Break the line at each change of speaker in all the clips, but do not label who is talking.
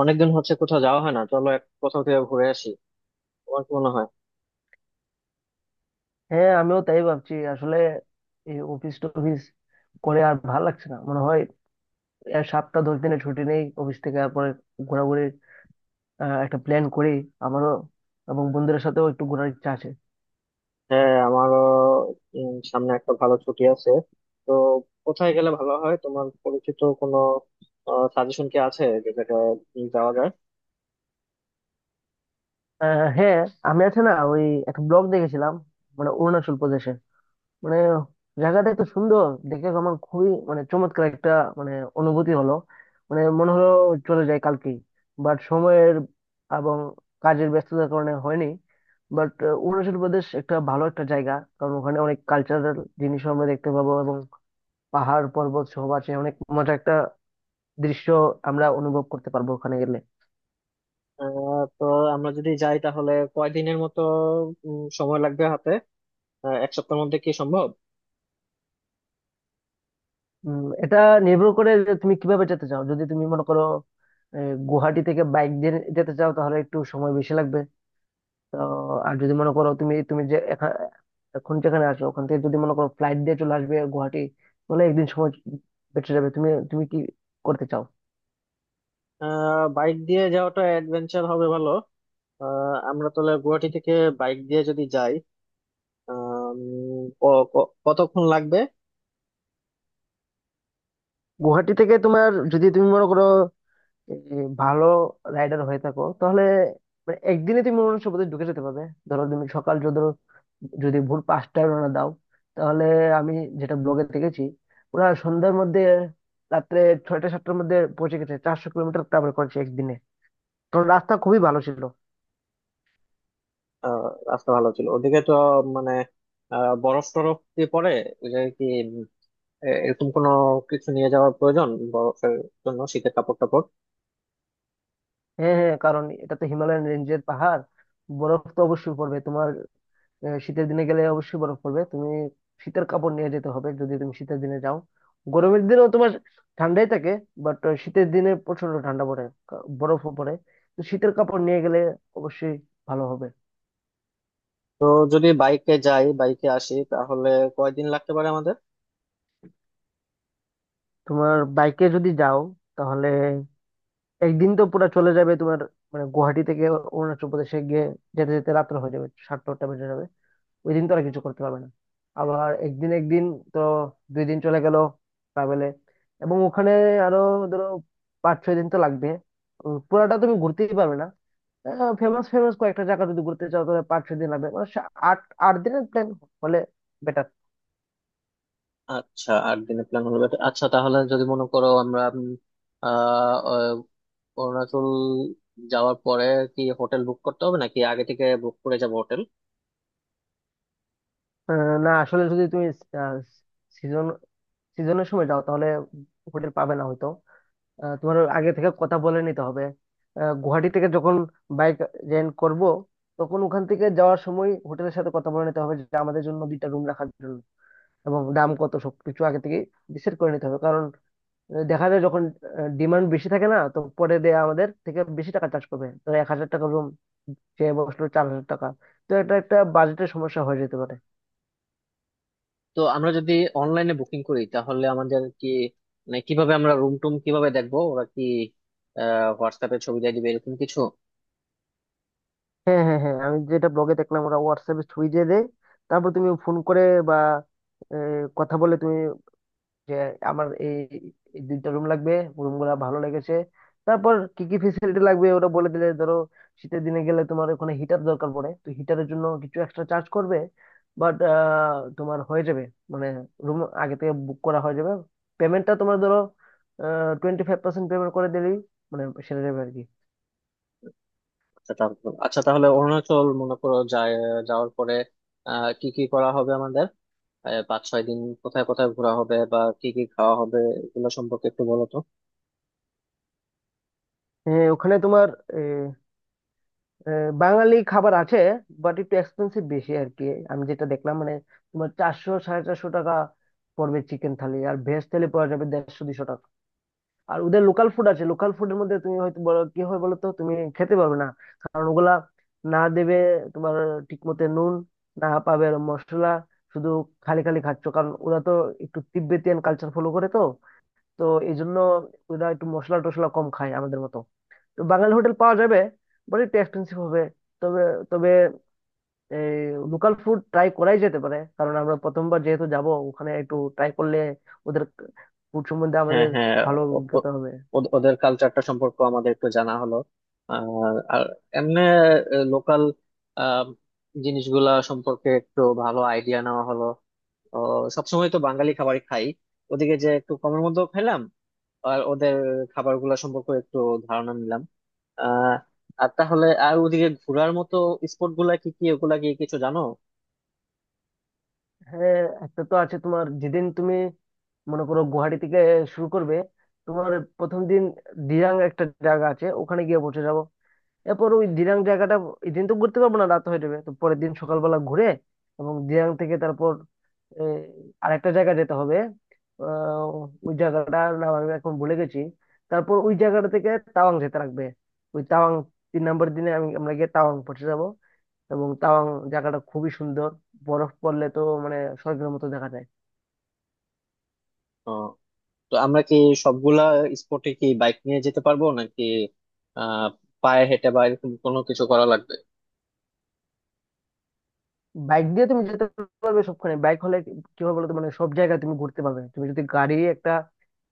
অনেকদিন হচ্ছে কোথাও যাওয়া হয় না, চলো এক কোথাও থেকে ঘুরে আসি। তোমার কি মনে হয়?
হ্যাঁ, আমিও তাই ভাবছি আসলে। এই অফিস টফিস করে আর ভাল লাগছে না মনে হয়। এর সপ্তাহ 10 দিনের ছুটি নেই অফিস থেকে, আর পরে ঘোরাঘুরি, একটা প্ল্যান করি। আমারও এবং বন্ধুদের সাথেও একটু ঘোরার ইচ্ছা আছে।
হ্যাঁ, আমারও। সামনে একটা ভালো ছুটি আছে, তো কোথায় গেলে ভালো হয়? তোমার পরিচিত কোনো সাজেশন কি আছে যেটাতে যাওয়া যায়?
হ্যাঁ, আমি আছে না ওই, একটা ব্লগ দেখেছিলাম মানে অরুণাচল প্রদেশে। মানে জায়গাটা তো সুন্দর দেখে আমার খুবই, মানে চমৎকার একটা, মানে অনুভূতি হলো, মানে মনে হলো চলে যায় কালকেই। বাট সময়ের এবং কাজের ব্যস্ততার কারণে হয়নি। বাট অরুণাচল প্রদেশ একটা ভালো একটা জায়গা, কারণ ওখানে অনেক কালচারাল জিনিসও আমরা দেখতে পাবো এবং পাহাড় পর্বত সহ আছে অনেক মজা একটা দৃশ্য আমরা অনুভব করতে পারবো ওখানে গেলে।
তো আমরা যদি যাই তাহলে কয়দিনের মতো সময় লাগবে হাতে? এক সপ্তাহের মধ্যে কি সম্ভব?
উম, এটা নির্ভর করে যে তুমি কিভাবে যেতে চাও। যদি তুমি মনে করো গুয়াহাটি থেকে বাইক দিয়ে যেতে চাও, তাহলে একটু সময় বেশি লাগবে। তো আর যদি মনে করো তুমি তুমি যে এখন যেখানে আছো ওখান থেকে, যদি মনে করো ফ্লাইট দিয়ে চলে আসবে গুয়াহাটি, তাহলে একদিন সময় বেঁচে যাবে। তুমি তুমি কি করতে চাও?
বাইক দিয়ে যাওয়াটা অ্যাডভেঞ্চার হবে, ভালো। আমরা তাহলে গুয়াহাটি থেকে বাইক দিয়ে যদি যাই, আহ, উম, ক- ক- কতক্ষণ লাগবে?
গুয়াহাটি থেকে তোমার, যদি তুমি মনে করো এই ভালো রাইডার হয়ে থাকো, তাহলে মানে একদিনে তুমি মনে হচ্ছে বোধহয় ঢুকে যেতে পারবে। ধরো তুমি সকাল যদি, ভোর 5টায় রওনা দাও, তাহলে আমি যেটা ব্লগে দেখেছি ওরা সন্ধ্যার মধ্যে, রাত্রে 6টা 7টার মধ্যে পৌঁছে গেছে, 400 কিলোমিটার ট্রাভেল করেছে একদিনে, কারণ রাস্তা খুবই ভালো ছিল।
আহ, রাস্তা ভালো ছিল ওদিকে তো? মানে বরফ টরফ দিয়ে পরে যে কি, উম, এরকম কোনো কিছু নিয়ে যাওয়ার প্রয়োজন, বরফের জন্য শীতের কাপড় টাপড়?
হ্যাঁ, হ্যাঁ, কারণ এটা তো হিমালয়ান রেঞ্জের পাহাড়, বরফ তো অবশ্যই পড়বে তোমার। শীতের দিনে গেলে অবশ্যই বরফ পড়বে, তুমি শীতের কাপড় নিয়ে যেতে হবে যদি তুমি শীতের দিনে যাও। গরমের দিনেও তোমার ঠান্ডাই থাকে, বাট শীতের দিনে প্রচন্ড ঠান্ডা পড়ে, বরফও পড়ে। তো শীতের কাপড় নিয়ে গেলে অবশ্যই ভালো হবে।
তো যদি বাইকে যাই বাইকে আসি তাহলে কয়দিন লাগতে পারে আমাদের?
তোমার বাইকে যদি যাও, তাহলে একদিন তো পুরো চলে যাবে তোমার, মানে গুয়াহাটি থেকে অরুণাচল প্রদেশে গিয়ে যেতে যেতে রাত্র হয়ে যাবে, 7টা 8টা বেজে যাবে। ওই দিন তোরা কিছু করতে পারবে না। আবার একদিন একদিন, তো 2 দিন চলে গেল ট্রাভেলে। এবং ওখানে আরো, ধরো, 5-6 দিন তো লাগবে। উম, পুরাটা তুমি ঘুরতেই পারবে না। ফেমাস ফেমাস কয়েকটা জায়গা যদি ঘুরতে চাও, তাহলে 5-6 দিন লাগবে, মানে সা- আট আট দিনের প্ল্যান হলে বেটার।
আচ্ছা, 8 দিনের প্ল্যান হলো better। আচ্ছা তাহলে যদি মনে করো আমরা আহ আহ, অরুণাচল যাওয়ার পরে কি হোটেল বুক করতে হবে, নাকি আগে থেকে বুক করে যাবো হোটেল?
না, আসলে যদি তুমি সিজন সিজনের সময় যাও, তাহলে হোটেল পাবে না হয়তো। তোমার আগে থেকে কথা বলে নিতে হবে। গুয়াহাটি থেকে যখন বাইক রেন্ট করব, তখন ওখান থেকে যাওয়ার সময় হোটেলের সাথে কথা বলে নিতে হবে যে আমাদের জন্য দুইটা রুম রাখার জন্য, এবং দাম কত সবকিছু আগে থেকে ডিসাইড করে নিতে হবে। কারণ দেখা যায় যখন ডিমান্ড বেশি থাকে, না তো পরে দেয়া আমাদের থেকে বেশি টাকা চার্জ করবে। ধরো 1,000 টাকা রুম চেয়ে বসলো 4,000 টাকা, তো এটা একটা বাজেটের সমস্যা হয়ে যেতে পারে।
তো আমরা যদি অনলাইনে বুকিং করি তাহলে আমাদের কি, মানে কিভাবে আমরা রুম টুম কিভাবে দেখবো? ওরা কি হোয়াটসঅ্যাপে ছবি দিয়ে দিবে এরকম কিছু?
হ্যাঁ, হ্যাঁ, হ্যাঁ, আমি যেটা ব্লগে দেখলাম ওরা হোয়াটসঅ্যাপে ছবি দিয়ে দেয়, তারপর তুমি ফোন করে বা এ, কথা বলে তুমি যে আমার এই, এই দুইটা রুম লাগবে, রুম গুলা ভালো লেগেছে। তারপর কি কি ফেসিলিটি লাগবে ওরা বলে দিলে, ধরো শীতের দিনে গেলে তোমার ওখানে হিটার দরকার পড়ে, তো হিটারের জন্য কিছু এক্সট্রা চার্জ করবে। বাট তোমার হয়ে যাবে, মানে রুম আগে থেকে বুক করা হয়ে যাবে। পেমেন্টটা তোমার, ধরো, 25% পেমেন্ট করে দিলেই মানে সেরে যাবে আর কি।
আচ্ছা তাহলে, আচ্ছা তাহলে অরুণাচল মনে করো যায়, যাওয়ার পরে কি কি করা হবে আমাদের? 5-6 দিন কোথায় কোথায় ঘোরা হবে বা কি কি খাওয়া হবে, এগুলো সম্পর্কে একটু বলো তো।
ওখানে তোমার বাঙালি খাবার আছে, বাট একটু এক্সপেন্সিভ বেশি আর কি। আমি যেটা দেখলাম মানে তোমার 400-450 টাকা পড়বে চিকেন থালি, আর ভেজ থালি পড়া যাবে 150-200 টাকা। আর ওদের লোকাল ফুড আছে, লোকাল ফুডের মধ্যে তুমি হয়তো বলো কি হয় বলো তো তুমি খেতে পারবে না, কারণ ওগুলা না দেবে তোমার ঠিক মতো নুন, না পাবে মশলা, শুধু খালি খালি খাচ্ছ। কারণ ওরা তো একটু তিব্বেতিয়ান কালচার ফলো করে, তো তো এই জন্য ওরা একটু মশলা টশলা কম খায় আমাদের মতো। বাঙালি হোটেল পাওয়া যাবে বাট একটু এক্সপেন্সিভ হবে। তবে, তবে এই লোকাল ফুড ট্রাই করাই যেতে পারে, কারণ আমরা প্রথমবার যেহেতু যাব ওখানে একটু ট্রাই করলে ওদের ফুড সম্বন্ধে
হ্যাঁ,
আমাদের
হ্যাঁ।
ভালো
ও- ও-
অভিজ্ঞতা হবে।
ওদের কালচারটা সম্পর্কে আমাদের একটু জানা হলো আর আর এমনি লোকাল জিনিসগুলা সম্পর্কে একটু ভালো আইডিয়া নেওয়া হলো। ও, সবসময় তো বাঙালি খাবারই খাই, ওদিকে যে একটু কমের মধ্যেও খাইলাম আর ওদের খাবারগুলো সম্পর্কে একটু ধারণা নিলাম। আহ আর তাহলে আর ওদিকে ঘোরার মতো স্পট গুলা কি কি, ওগুলা কি কিছু জানো?
হ্যাঁ, একটা তো আছে তোমার, যেদিন তুমি মনে করো গুয়াহাটি থেকে শুরু করবে, তোমার প্রথম দিন দিরাং একটা জায়গা আছে, ওখানে গিয়ে পৌঁছে যাবো। এরপর ওই দিরাং জায়গাটা, এই দিন তো ঘুরতে পারবো না রাত হয়ে যাবে, তো পরের দিন সকালবেলা ঘুরে, এবং দিরাং থেকে তারপর এই আরেকটা জায়গা যেতে হবে। আহ, ওই জায়গাটার নাম আমি এখন ভুলে গেছি। তারপর ওই জায়গাটা থেকে তাওয়াং যেতে লাগবে। ওই তাওয়াং, 3 নম্বর দিনে আমরা গিয়ে তাওয়াং পৌঁছে যাব। এবং তাওয়াং জায়গাটা খুবই সুন্দর, বরফ পড়লে তো মানে স্বর্গের মতো দেখা যায়।
তো আমরা কি সবগুলা স্পটে কি বাইক নিয়ে যেতে পারবো, নাকি আহ পায়ে হেঁটে বা এরকম কোনো কিছু করা লাগবে?
বাইক দিয়ে তুমি যেতে পারবে সবখানে। বাইক হলে কি হবে বলতো, মানে সব জায়গায় তুমি ঘুরতে পারবে। তুমি যদি গাড়ি একটা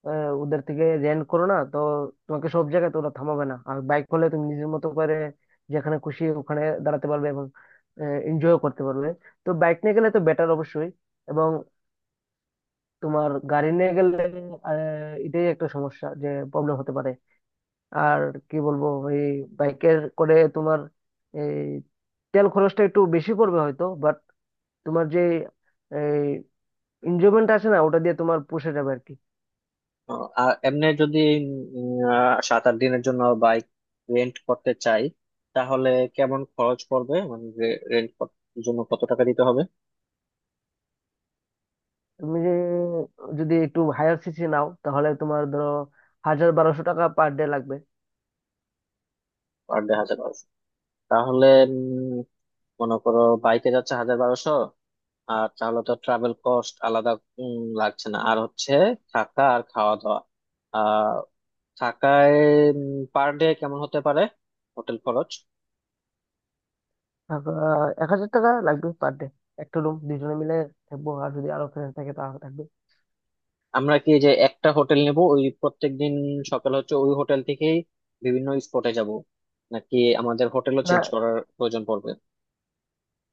ওদের থেকে রেন্ট করো, না তো তোমাকে সব জায়গায় তো ওরা থামাবে না। আর বাইক হলে তুমি নিজের মতো করে যেখানে খুশি ওখানে দাঁড়াতে পারবে এবং এনজয় করতে পারবে। তো বাইক নিয়ে গেলে তো বেটার অবশ্যই। এবং তোমার গাড়ি নিয়ে গেলে এটাই একটা সমস্যা যে প্রবলেম হতে পারে। আর কি বলবো, এই বাইকের করে তোমার এই তেল খরচটা একটু বেশি পড়বে হয়তো, তোমার যে এনজয়মেন্ট আসে না ওটা দিয়ে তোমার পুষে যাবে আর কি।
আর এমনি যদি 7-8 দিনের জন্য বাইক রেন্ট করতে চাই তাহলে কেমন খরচ পড়বে, মানে রেন্ট জন্য কত টাকা দিতে হবে?
তুমি যে যদি একটু হায়ার সিসি নাও, তাহলে তোমার ধরো 1,000-1,200 টাকা পার ডে লাগবে।
Per day 1000-1200? তাহলে উম, মনে করো বাইকে যাচ্ছে 1000-1200, আর তাহলে তো ট্রাভেল কস্ট আলাদা উম, লাগছে না। আর হচ্ছে থাকা আর খাওয়া দাওয়া, থাকায় পার ডে কেমন হতে পারে হোটেল খরচ?
আহ, 1,000 টাকা লাগবে পার ডে, একটা রুম দুজনে মিলে থাকবো। আর যদি আরো ফ্রেন্ড থাকে তাহলে থাকবে।
আমরা কি যে একটা হোটেল নেব ওই প্রত্যেকদিন সকাল, হচ্ছে ওই হোটেল থেকেই বিভিন্ন স্পটে যাব, নাকি আমাদের হোটেলও চেঞ্জ
না
করার প্রয়োজন পড়বে?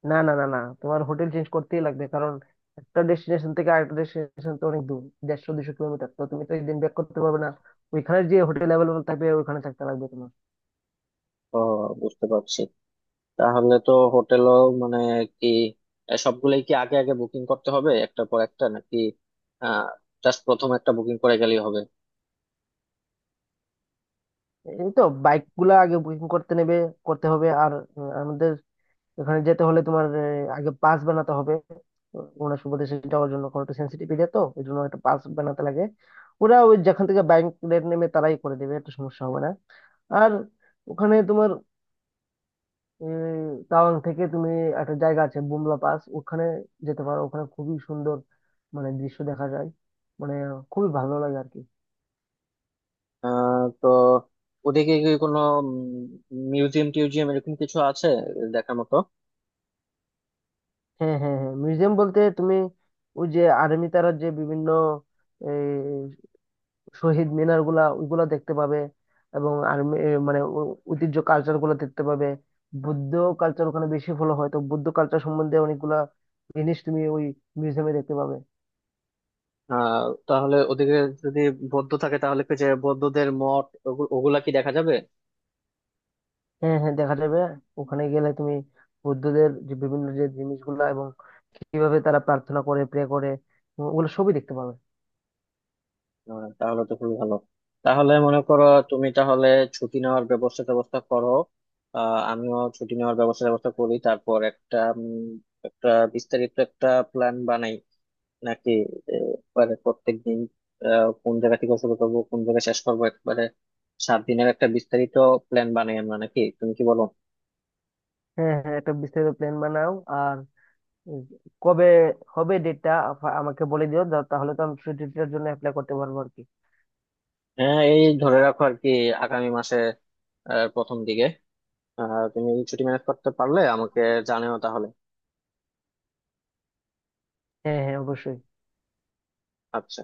না না না না, তোমার হোটেল চেঞ্জ করতেই লাগবে, কারণ একটা ডেস্টিনেশন থেকে আরেকটা ডেস্টিনেশন তো অনেক দূর, 150-200 কিলোমিটার, তো তুমি তো একদিন ব্যাক করতে পারবে না। ওইখানে যে হোটেল অ্যাভেলেবল থাকবে ওইখানে থাকতে লাগবে তোমার।
ও, বুঝতে পারছি। তাহলে তো হোটেলও মানে কি, এ সবগুলোই কি আগে আগে বুকিং করতে হবে একটার পর একটা, নাকি আহ জাস্ট প্রথম একটা বুকিং করে গেলেই হবে?
এই তো, বাইক গুলা আগে বুকিং করতে হবে। আর উম, আমাদের এখানে যেতে হলে তোমার আগে পাস বানাতে হবে ওনার সুবাদে যাওয়ার জন্য, কারণ একটু সেন্সিটিভ এরিয়া তো, এই জন্য একটা পাস বানাতে লাগে। ওরা ওই যেখান থেকে বাইক রেট নেমে তারাই করে দেবে, একটা সমস্যা হবে না। আর ওখানে তোমার উম, তাওয়াং থেকে তুমি একটা জায়গা আছে বুমলা পাস, ওখানে যেতে পারো, ওখানে খুবই সুন্দর মানে দৃশ্য দেখা যায়, মানে খুবই ভালো লাগে আর কি।
তো ওদিকে কি কোনো মিউজিয়াম টিউজিয়াম এরকম কিছু আছে দেখার মতো?
হ্যাঁ, হ্যাঁ, হ্যাঁ, মিউজিয়াম বলতে তুমি ওই যে আর্মি তারা যে বিভিন্ন এই, শহীদ মিনার গুলা ওইগুলা দেখতে পাবে, এবং আর্মি মানে ঐতিহ্য কালচার গুলা দেখতে পাবে। বৌদ্ধ কালচার ওখানে বেশি ফলো হয়, তো বৌদ্ধ কালচার সম্বন্ধে অনেকগুলা জিনিস তুমি ওই মিউজিয়ামে দেখতে পাবে।
আহ তাহলে ওদিকে যদি বৌদ্ধ থাকে তাহলে কি, যে বৌদ্ধদের মঠ ওগুলা কি দেখা যাবে?
হ্যাঁ, হ্যাঁ, দেখা যাবে। ওখানে গেলে তুমি বৌদ্ধদের যে বিভিন্ন যে জিনিসগুলা, এবং কিভাবে তারা প্রার্থনা করে, প্রে করে, ওগুলো সবই দেখতে পাবে।
তাহলে তো খুবই ভালো। তাহলে মনে করো তুমি তাহলে ছুটি নেওয়ার ব্যবস্থা ব্যবস্থা করো, আমিও ছুটি নেওয়ার ব্যবস্থা ব্যবস্থা করি। তারপর একটা একটা বিস্তারিত একটা প্ল্যান বানাই, নাকি একবারে প্রত্যেক দিন কোন জায়গা থেকে শুরু করবো কোন জায়গায় শেষ করবো, একবারে 7 দিনের একটা বিস্তারিত প্ল্যান বানাই আমরা? নাকি তুমি কি বলো?
হ্যাঁ, হ্যাঁ, একটা বিস্তারিত প্ল্যান বানাও। আর উম, কবে হবে ডেটটা আমাকে বলে দিও, তাহলে তো আমি ছুটিটার জন্য অ্যাপ্লাই করতে পারবো আর কি।
হ্যাঁ, এই ধরে রাখো আর কি, আগামী মাসে প্রথম দিকে। তুমি ছুটি ম্যানেজ করতে পারলে আমাকে জানিও তাহলে।
হ্যাঁ, হ্যাঁ, অবশ্যই।
আচ্ছা।